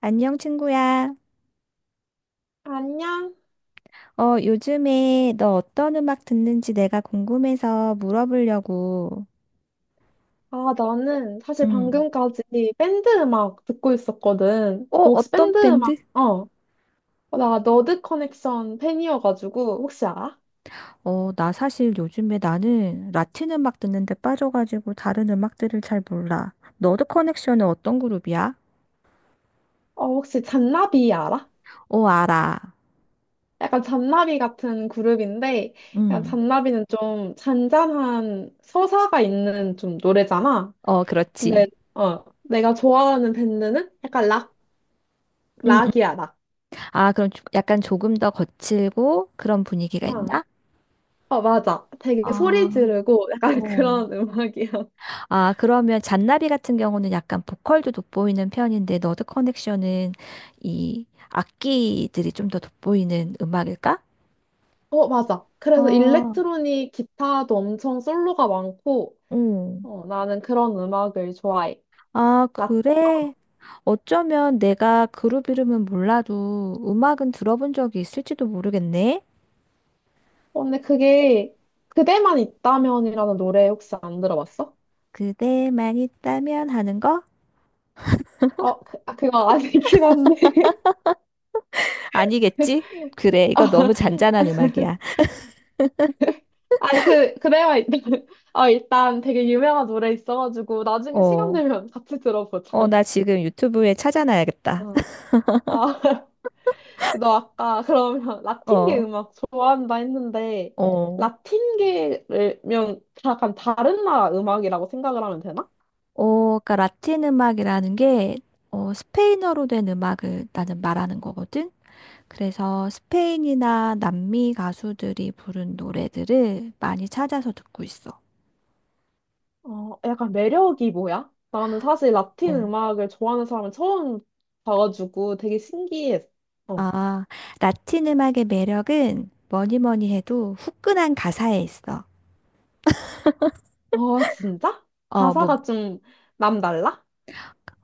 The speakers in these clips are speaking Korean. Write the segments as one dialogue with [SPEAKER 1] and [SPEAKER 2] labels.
[SPEAKER 1] 안녕, 친구야.
[SPEAKER 2] 안녕?
[SPEAKER 1] 요즘에 너 어떤 음악 듣는지 내가 궁금해서 물어보려고.
[SPEAKER 2] 아, 나는 사실
[SPEAKER 1] 응.
[SPEAKER 2] 방금까지 밴드 음악 듣고 있었거든.
[SPEAKER 1] 어,
[SPEAKER 2] 너 혹시
[SPEAKER 1] 어떤
[SPEAKER 2] 밴드 음악,
[SPEAKER 1] 밴드?
[SPEAKER 2] 나 너드 커넥션 팬이어가지고, 혹시 알아?
[SPEAKER 1] 나 사실 요즘에 나는 라틴 음악 듣는데 빠져가지고 다른 음악들을 잘 몰라. 너드 커넥션은 어떤 그룹이야?
[SPEAKER 2] 어, 혹시 잔나비 알아?
[SPEAKER 1] 어, 알아.
[SPEAKER 2] 약간 잔나비 같은 그룹인데, 약간
[SPEAKER 1] 응.
[SPEAKER 2] 잔나비는 좀 잔잔한 서사가 있는 좀 노래잖아.
[SPEAKER 1] 어, 그렇지.
[SPEAKER 2] 근데, 내가 좋아하는 밴드는 약간 락,
[SPEAKER 1] 응, 응.
[SPEAKER 2] 락이야, 락.
[SPEAKER 1] 아, 그럼 약간 조금 더 거칠고 그런 분위기가
[SPEAKER 2] 어,
[SPEAKER 1] 있나?
[SPEAKER 2] 맞아. 되게 소리
[SPEAKER 1] 아,
[SPEAKER 2] 지르고 약간
[SPEAKER 1] 어.
[SPEAKER 2] 그런 음악이야.
[SPEAKER 1] 아, 그러면 잔나비 같은 경우는 약간 보컬도 돋보이는 편인데 너드 커넥션은 이 악기들이 좀 더 돋보이는 음악일까?
[SPEAKER 2] 어, 맞아. 그래서
[SPEAKER 1] 아,
[SPEAKER 2] 일렉트로닉 기타도 엄청 솔로가 많고,
[SPEAKER 1] 응.
[SPEAKER 2] 나는 그런 음악을 좋아해.
[SPEAKER 1] 아,
[SPEAKER 2] 라,
[SPEAKER 1] 그래? 어쩌면 내가 그룹 이름은 몰라도 음악은 들어본 적이 있을지도 모르겠네.
[SPEAKER 2] 근데 그게 그대만 있다면이라는 노래 혹시 안 들어봤어?
[SPEAKER 1] 그대만 있다면 하는 거?
[SPEAKER 2] 아, 그거 아니긴 한데.
[SPEAKER 1] 아니겠지? 그래, 이거
[SPEAKER 2] 어,
[SPEAKER 1] 너무 잔잔한 음악이야.
[SPEAKER 2] 아니, 그대만 있다면. 일단 되게 유명한 노래 있어가지고, 나중에 시간
[SPEAKER 1] 어,
[SPEAKER 2] 되면 같이 들어보자.
[SPEAKER 1] 나 지금 유튜브에 찾아놔야겠다.
[SPEAKER 2] 어, 아. 너 아까 그러면 라틴계
[SPEAKER 1] 어,
[SPEAKER 2] 음악 좋아한다 했는데
[SPEAKER 1] 어.
[SPEAKER 2] 라틴계면 약간 다른 나라 음악이라고 생각을 하면 되나?
[SPEAKER 1] 그러니까 라틴 음악이라는 게 스페인어로 된 음악을 나는 말하는 거거든. 그래서 스페인이나 남미 가수들이 부른 노래들을 많이 찾아서 듣고 있어.
[SPEAKER 2] 약간 매력이 뭐야? 나는 사실 라틴
[SPEAKER 1] 어.
[SPEAKER 2] 음악을 좋아하는 사람을 처음 봐가지고 되게 신기했어. 어,
[SPEAKER 1] 아, 라틴 음악의 매력은 뭐니 뭐니 해도 후끈한 가사에 있어.
[SPEAKER 2] 진짜?
[SPEAKER 1] 어, 뭐,
[SPEAKER 2] 가사가 좀 남달라?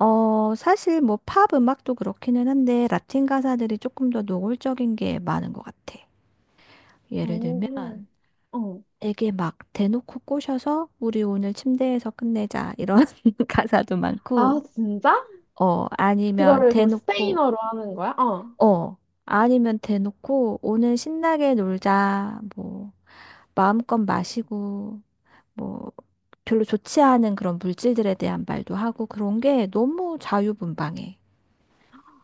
[SPEAKER 1] 사실 뭐 팝 음악도 그렇기는 한데 라틴 가사들이 조금 더 노골적인 게 많은 것 같아. 예를 들면
[SPEAKER 2] 오. 어.
[SPEAKER 1] 되게 막 대놓고 꼬셔서 우리 오늘 침대에서 끝내자 이런 가사도 많고
[SPEAKER 2] 아, 진짜?
[SPEAKER 1] 어 아니면
[SPEAKER 2] 그거를 그럼
[SPEAKER 1] 대놓고
[SPEAKER 2] 스페인어로 하는 거야? 어.
[SPEAKER 1] 어 아니면 대놓고 오늘 신나게 놀자 뭐 마음껏 마시고 뭐 별로 좋지 않은 그런 물질들에 대한 말도 하고 그런 게 너무 자유분방해.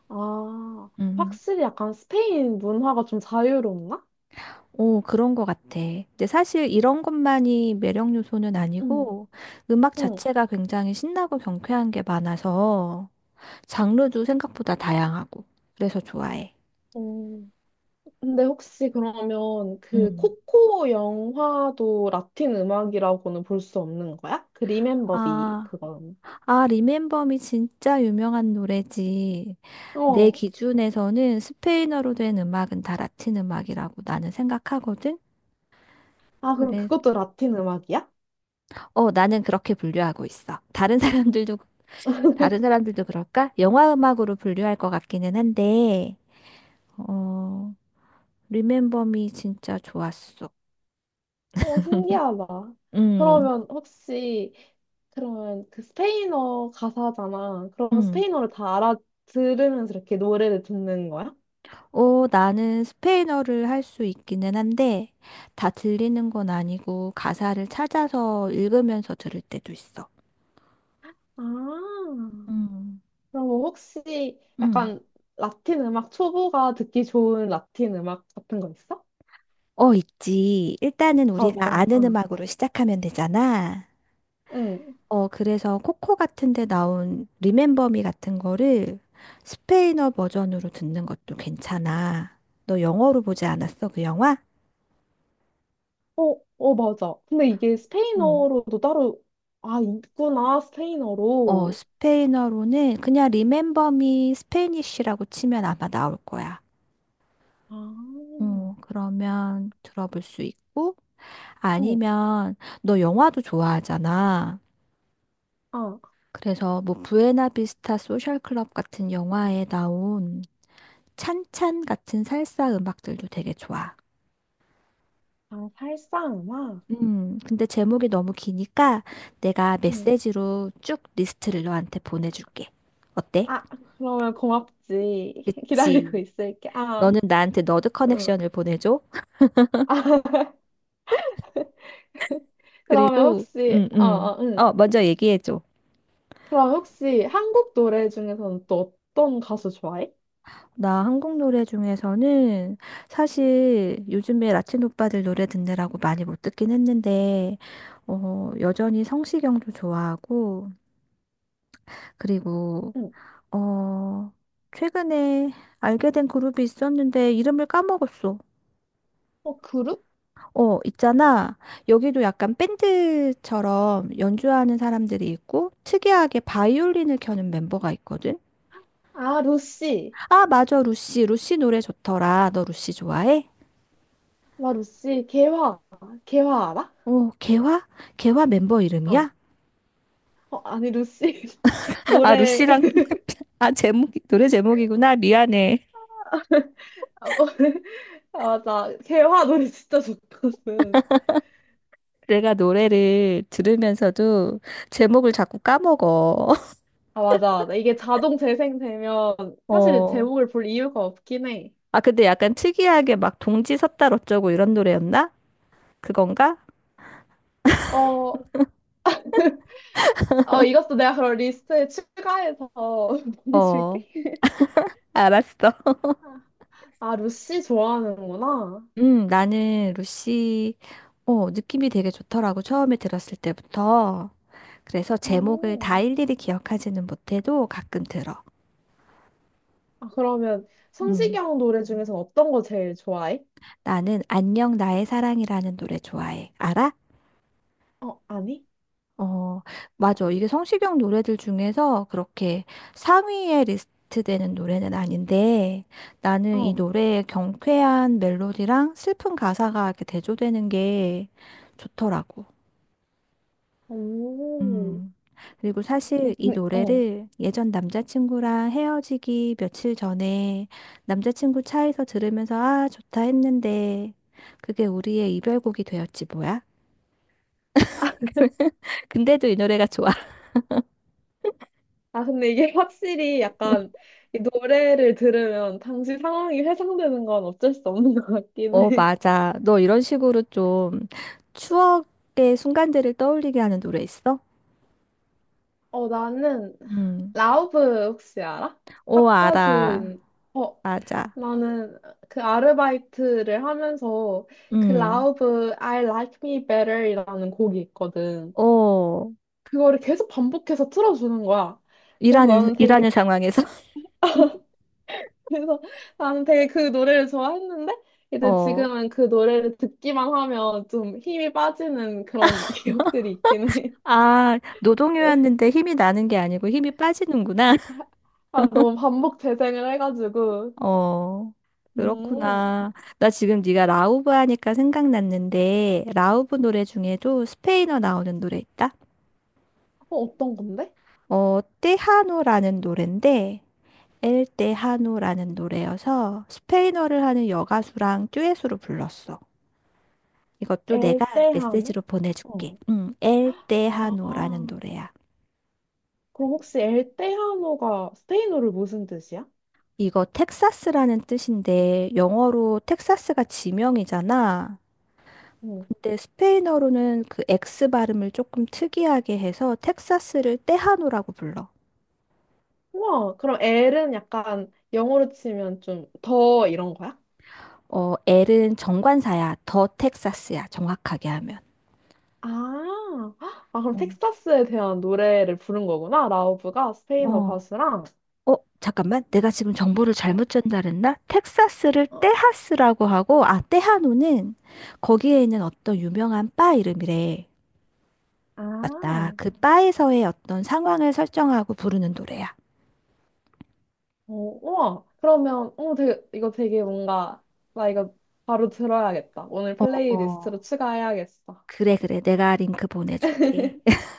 [SPEAKER 2] 아,
[SPEAKER 1] 음.
[SPEAKER 2] 확실히 약간 스페인 문화가 좀 자유롭나?
[SPEAKER 1] 오, 그런 것 같아. 근데 사실 이런 것만이 매력 요소는
[SPEAKER 2] 응,
[SPEAKER 1] 아니고 음악
[SPEAKER 2] 응,
[SPEAKER 1] 자체가 굉장히 신나고 경쾌한 게 많아서 장르도 생각보다 다양하고. 그래서 좋아해.
[SPEAKER 2] 응. 근데 혹시 그러면 그
[SPEAKER 1] 음.
[SPEAKER 2] 코코 영화도 라틴 음악이라고는 볼 수 없는 거야? 그 리멤버비
[SPEAKER 1] 아,
[SPEAKER 2] 그건.
[SPEAKER 1] 아, 리멤버미 진짜 유명한 노래지. 내
[SPEAKER 2] 어.
[SPEAKER 1] 기준에서는 스페인어로 된 음악은 다 라틴 음악이라고 나는 생각하거든.
[SPEAKER 2] 아, 그럼
[SPEAKER 1] 그래.
[SPEAKER 2] 그것도 라틴 음악이야?
[SPEAKER 1] 어, 나는 그렇게 분류하고 있어. 다른 사람들도 그럴까? 영화 음악으로 분류할 것 같기는 한데, 어, 리멤버미 진짜 좋았어.
[SPEAKER 2] 어, 신기하다.
[SPEAKER 1] 음,
[SPEAKER 2] 그러면 혹시 그러면 그 스페인어 가사잖아. 그럼
[SPEAKER 1] 음.
[SPEAKER 2] 스페인어를 다 알아들으면서 이렇게 노래를 듣는 거야?
[SPEAKER 1] 어, 나는 스페인어를 할 수 있기는 한데, 다 들리는 건 아니고, 가사를 찾아서 읽으면서 들을 때도 있어.
[SPEAKER 2] 아,
[SPEAKER 1] 음.
[SPEAKER 2] 그럼 혹시
[SPEAKER 1] 응.
[SPEAKER 2] 약간 라틴 음악 초보가 듣기 좋은 라틴 음악 같은 거 있어?
[SPEAKER 1] 어, 있지. 일단은
[SPEAKER 2] 아,
[SPEAKER 1] 우리가
[SPEAKER 2] 어떤,
[SPEAKER 1] 아는
[SPEAKER 2] 아.
[SPEAKER 1] 음악으로 시작하면 되잖아.
[SPEAKER 2] 응.
[SPEAKER 1] 그래서 코코 같은 데 나온 리멤버 미 같은 거를 스페인어 버전으로 듣는 것도 괜찮아. 너 영어로 보지 않았어, 그 영화?
[SPEAKER 2] 어, 어, 맞아. 근데 이게
[SPEAKER 1] 어.
[SPEAKER 2] 스페인어로도 따로, 아, 있구나,
[SPEAKER 1] 어,
[SPEAKER 2] 스페인어로.
[SPEAKER 1] 스페인어로는 그냥 리멤버 미 스페니쉬라고 치면 아마 나올 거야.
[SPEAKER 2] 아,
[SPEAKER 1] 어, 그러면 들어볼 수 있고,
[SPEAKER 2] 응,
[SPEAKER 1] 아니면 너 영화도 좋아하잖아.
[SPEAKER 2] 아
[SPEAKER 1] 그래서 뭐 부에나비스타 소셜 클럽 같은 영화에 나온 찬찬 같은 살사 음악들도 되게 좋아.
[SPEAKER 2] 아, 살사 음악.
[SPEAKER 1] 근데 제목이 너무 기니까 내가
[SPEAKER 2] 응.
[SPEAKER 1] 메시지로 쭉 리스트를 너한테 보내줄게. 어때?
[SPEAKER 2] 아, 그러면 고맙지. 기다리고
[SPEAKER 1] 그치.
[SPEAKER 2] 있을게. 아,
[SPEAKER 1] 너는 나한테 너드
[SPEAKER 2] 응.
[SPEAKER 1] 커넥션을 보내줘.
[SPEAKER 2] 아, 그러면
[SPEAKER 1] 그리고,
[SPEAKER 2] 혹시,
[SPEAKER 1] 응,
[SPEAKER 2] 어,
[SPEAKER 1] 응.
[SPEAKER 2] 어, 응.
[SPEAKER 1] 어, 먼저 얘기해줘.
[SPEAKER 2] 그럼 혹시 한국 노래 중에서는 또 어떤 가수 좋아해?
[SPEAKER 1] 나 한국 노래 중에서는 사실 요즘에 라틴 오빠들 노래 듣느라고 많이 못 듣긴 했는데, 어, 여전히 성시경도 좋아하고, 그리고,
[SPEAKER 2] 응.
[SPEAKER 1] 어, 최근에 알게 된 그룹이 있었는데 이름을 까먹었어.
[SPEAKER 2] 어, 그룹?
[SPEAKER 1] 어, 있잖아. 여기도 약간 밴드처럼 연주하는 사람들이 있고, 특이하게 바이올린을 켜는 멤버가 있거든.
[SPEAKER 2] 아, 루시.
[SPEAKER 1] 아, 맞아, 루시. 루시 노래 좋더라. 너 루시 좋아해?
[SPEAKER 2] 와, 루시. 개화. 개화 알아?
[SPEAKER 1] 오, 개화? 개화 멤버
[SPEAKER 2] 어.
[SPEAKER 1] 이름이야?
[SPEAKER 2] 어, 아니, 루시.
[SPEAKER 1] 아,
[SPEAKER 2] 노래.
[SPEAKER 1] 루시랑, 아, 제목, 노래 제목이구나. 미안해.
[SPEAKER 2] 아, 뭐- 아, 맞아. 개화 노래 진짜 좋거든.
[SPEAKER 1] 내가 노래를 들으면서도 제목을 자꾸 까먹어.
[SPEAKER 2] 아, 맞아, 맞아. 이게 자동 재생되면 사실
[SPEAKER 1] 어.
[SPEAKER 2] 제목을 볼 이유가 없긴 해.
[SPEAKER 1] 아, 근데 약간 특이하게 막 동지 섰다 어쩌고 이런 노래였나? 그건가?
[SPEAKER 2] 어, 이것도 내가 그런 리스트에 추가해서
[SPEAKER 1] 어.
[SPEAKER 2] 보내줄게.
[SPEAKER 1] 알았어.
[SPEAKER 2] 아, 루시 좋아하는구나.
[SPEAKER 1] 나는 루시, 어, 느낌이 되게 좋더라고. 처음에 들었을 때부터. 그래서 제목을 다
[SPEAKER 2] 음.
[SPEAKER 1] 일일이 기억하지는 못해도 가끔 들어.
[SPEAKER 2] 아, 그러면
[SPEAKER 1] 음.
[SPEAKER 2] 성시경 노래 중에서 어떤 거 제일 좋아해?
[SPEAKER 1] 나는 안녕 나의 사랑이라는 노래 좋아해. 알아?
[SPEAKER 2] 어, 아니?
[SPEAKER 1] 어, 맞아. 이게 성시경 노래들 중에서 그렇게 상위에 리스트되는 노래는 아닌데 나는 이
[SPEAKER 2] 어.
[SPEAKER 1] 노래의 경쾌한 멜로디랑 슬픈 가사가 이렇게 대조되는 게 좋더라고.
[SPEAKER 2] 오.
[SPEAKER 1] 음. 그리고 사실
[SPEAKER 2] 어,
[SPEAKER 1] 이
[SPEAKER 2] 근데, 어.
[SPEAKER 1] 노래를 예전 남자친구랑 헤어지기 며칠 전에 남자친구 차에서 들으면서 아, 좋다 했는데 그게 우리의 이별곡이 되었지 뭐야? 근데도 이 노래가 좋아.
[SPEAKER 2] 아, 근데 이게 확실히 약간 이 노래를 들으면 당시 상황이 회상되는 건 어쩔 수 없는 것 같긴
[SPEAKER 1] 어,
[SPEAKER 2] 해.
[SPEAKER 1] 맞아. 너 이런 식으로 좀 추억의 순간들을 떠올리게 하는 노래 있어?
[SPEAKER 2] 나는
[SPEAKER 1] 음.
[SPEAKER 2] 라우브 혹시 알아?
[SPEAKER 1] 어, 알아.
[SPEAKER 2] 팝가수인. 어,
[SPEAKER 1] 맞아.
[SPEAKER 2] 나는 그 아르바이트를 하면서 그
[SPEAKER 1] 음.
[SPEAKER 2] 라우브 I Like Me Better이라는 곡이 있거든.
[SPEAKER 1] 어,
[SPEAKER 2] 그거를 계속 반복해서 틀어주는 거야. 그래서 나는 되게,
[SPEAKER 1] 일하는 상황에서?
[SPEAKER 2] 그래서 나는 되게 그 노래를 좋아했는데, 이제
[SPEAKER 1] 어.
[SPEAKER 2] 지금은 그 노래를 듣기만 하면 좀 힘이 빠지는 그런 기억들이 있긴 해.
[SPEAKER 1] 아, 노동요였는데 힘이 나는 게 아니고 힘이 빠지는구나.
[SPEAKER 2] 아, 너무 반복 재생을 해가지고.
[SPEAKER 1] 어.
[SPEAKER 2] 음,
[SPEAKER 1] 그렇구나. 나 지금 네가 라우브 하니까 생각났는데 라우브 노래 중에도 스페인어 나오는 노래 있다.
[SPEAKER 2] 어, 어떤 건데?
[SPEAKER 1] 어, 테하노라는 노래인데 엘때 하노라는 노래여서 스페인어를 하는 여가수랑 듀엣으로 불렀어. 이것도 내가
[SPEAKER 2] 엘테하노?
[SPEAKER 1] 메시지로
[SPEAKER 2] 어.
[SPEAKER 1] 보내줄게. 응, 엘때 하노라는
[SPEAKER 2] 아,
[SPEAKER 1] 노래야.
[SPEAKER 2] 그럼 혹시 엘테하노가 스페인어로 무슨 뜻이야?
[SPEAKER 1] 이거 텍사스라는 뜻인데 영어로 텍사스가 지명이잖아.
[SPEAKER 2] 어.
[SPEAKER 1] 근데 스페인어로는 그 X 발음을 조금 특이하게 해서 텍사스를 테하노라고 불러.
[SPEAKER 2] 우와, 그럼 엘은 약간 영어로 치면 좀 더 이런 거야?
[SPEAKER 1] 어, L은 정관사야. 더 텍사스야. 정확하게 하면.
[SPEAKER 2] 아, 아, 그럼
[SPEAKER 1] 어.
[SPEAKER 2] 텍사스에 대한 노래를 부른 거구나. 라우브가 스페인어
[SPEAKER 1] 어,
[SPEAKER 2] 가수랑.
[SPEAKER 1] 잠깐만. 내가 지금 정보를
[SPEAKER 2] 어,
[SPEAKER 1] 잘못 전달했나? 텍사스를
[SPEAKER 2] 어.
[SPEAKER 1] 테하스라고 하고, 아, 테하노는 거기에 있는 어떤 유명한 바 이름이래.
[SPEAKER 2] 아,
[SPEAKER 1] 맞다.
[SPEAKER 2] 어,
[SPEAKER 1] 그 바에서의 어떤 상황을 설정하고 부르는 노래야.
[SPEAKER 2] 우와. 그러면, 어, 되게, 이거 되게 뭔가, 나 이거 바로 들어야겠다. 오늘
[SPEAKER 1] 어, 어.
[SPEAKER 2] 플레이리스트로 추가해야겠어.
[SPEAKER 1] 그래, 그래. 내가 링크 보내줄게.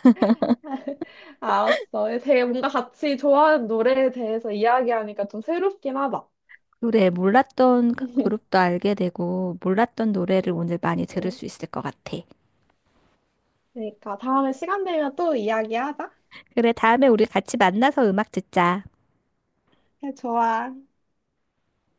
[SPEAKER 2] 알았어. 되게 뭔가 같이 좋아하는 노래에 대해서 이야기하니까 좀 새롭긴 하다.
[SPEAKER 1] 그래, 몰랐던 그 그룹도 알게 되고, 몰랐던 노래를 오늘 많이 들을
[SPEAKER 2] 응.
[SPEAKER 1] 수 있을 것 같아.
[SPEAKER 2] 그러니까 다음에 시간 되면 또 이야기하자.
[SPEAKER 1] 그래, 다음에 우리 같이 만나서 음악 듣자.
[SPEAKER 2] 그래, 좋아.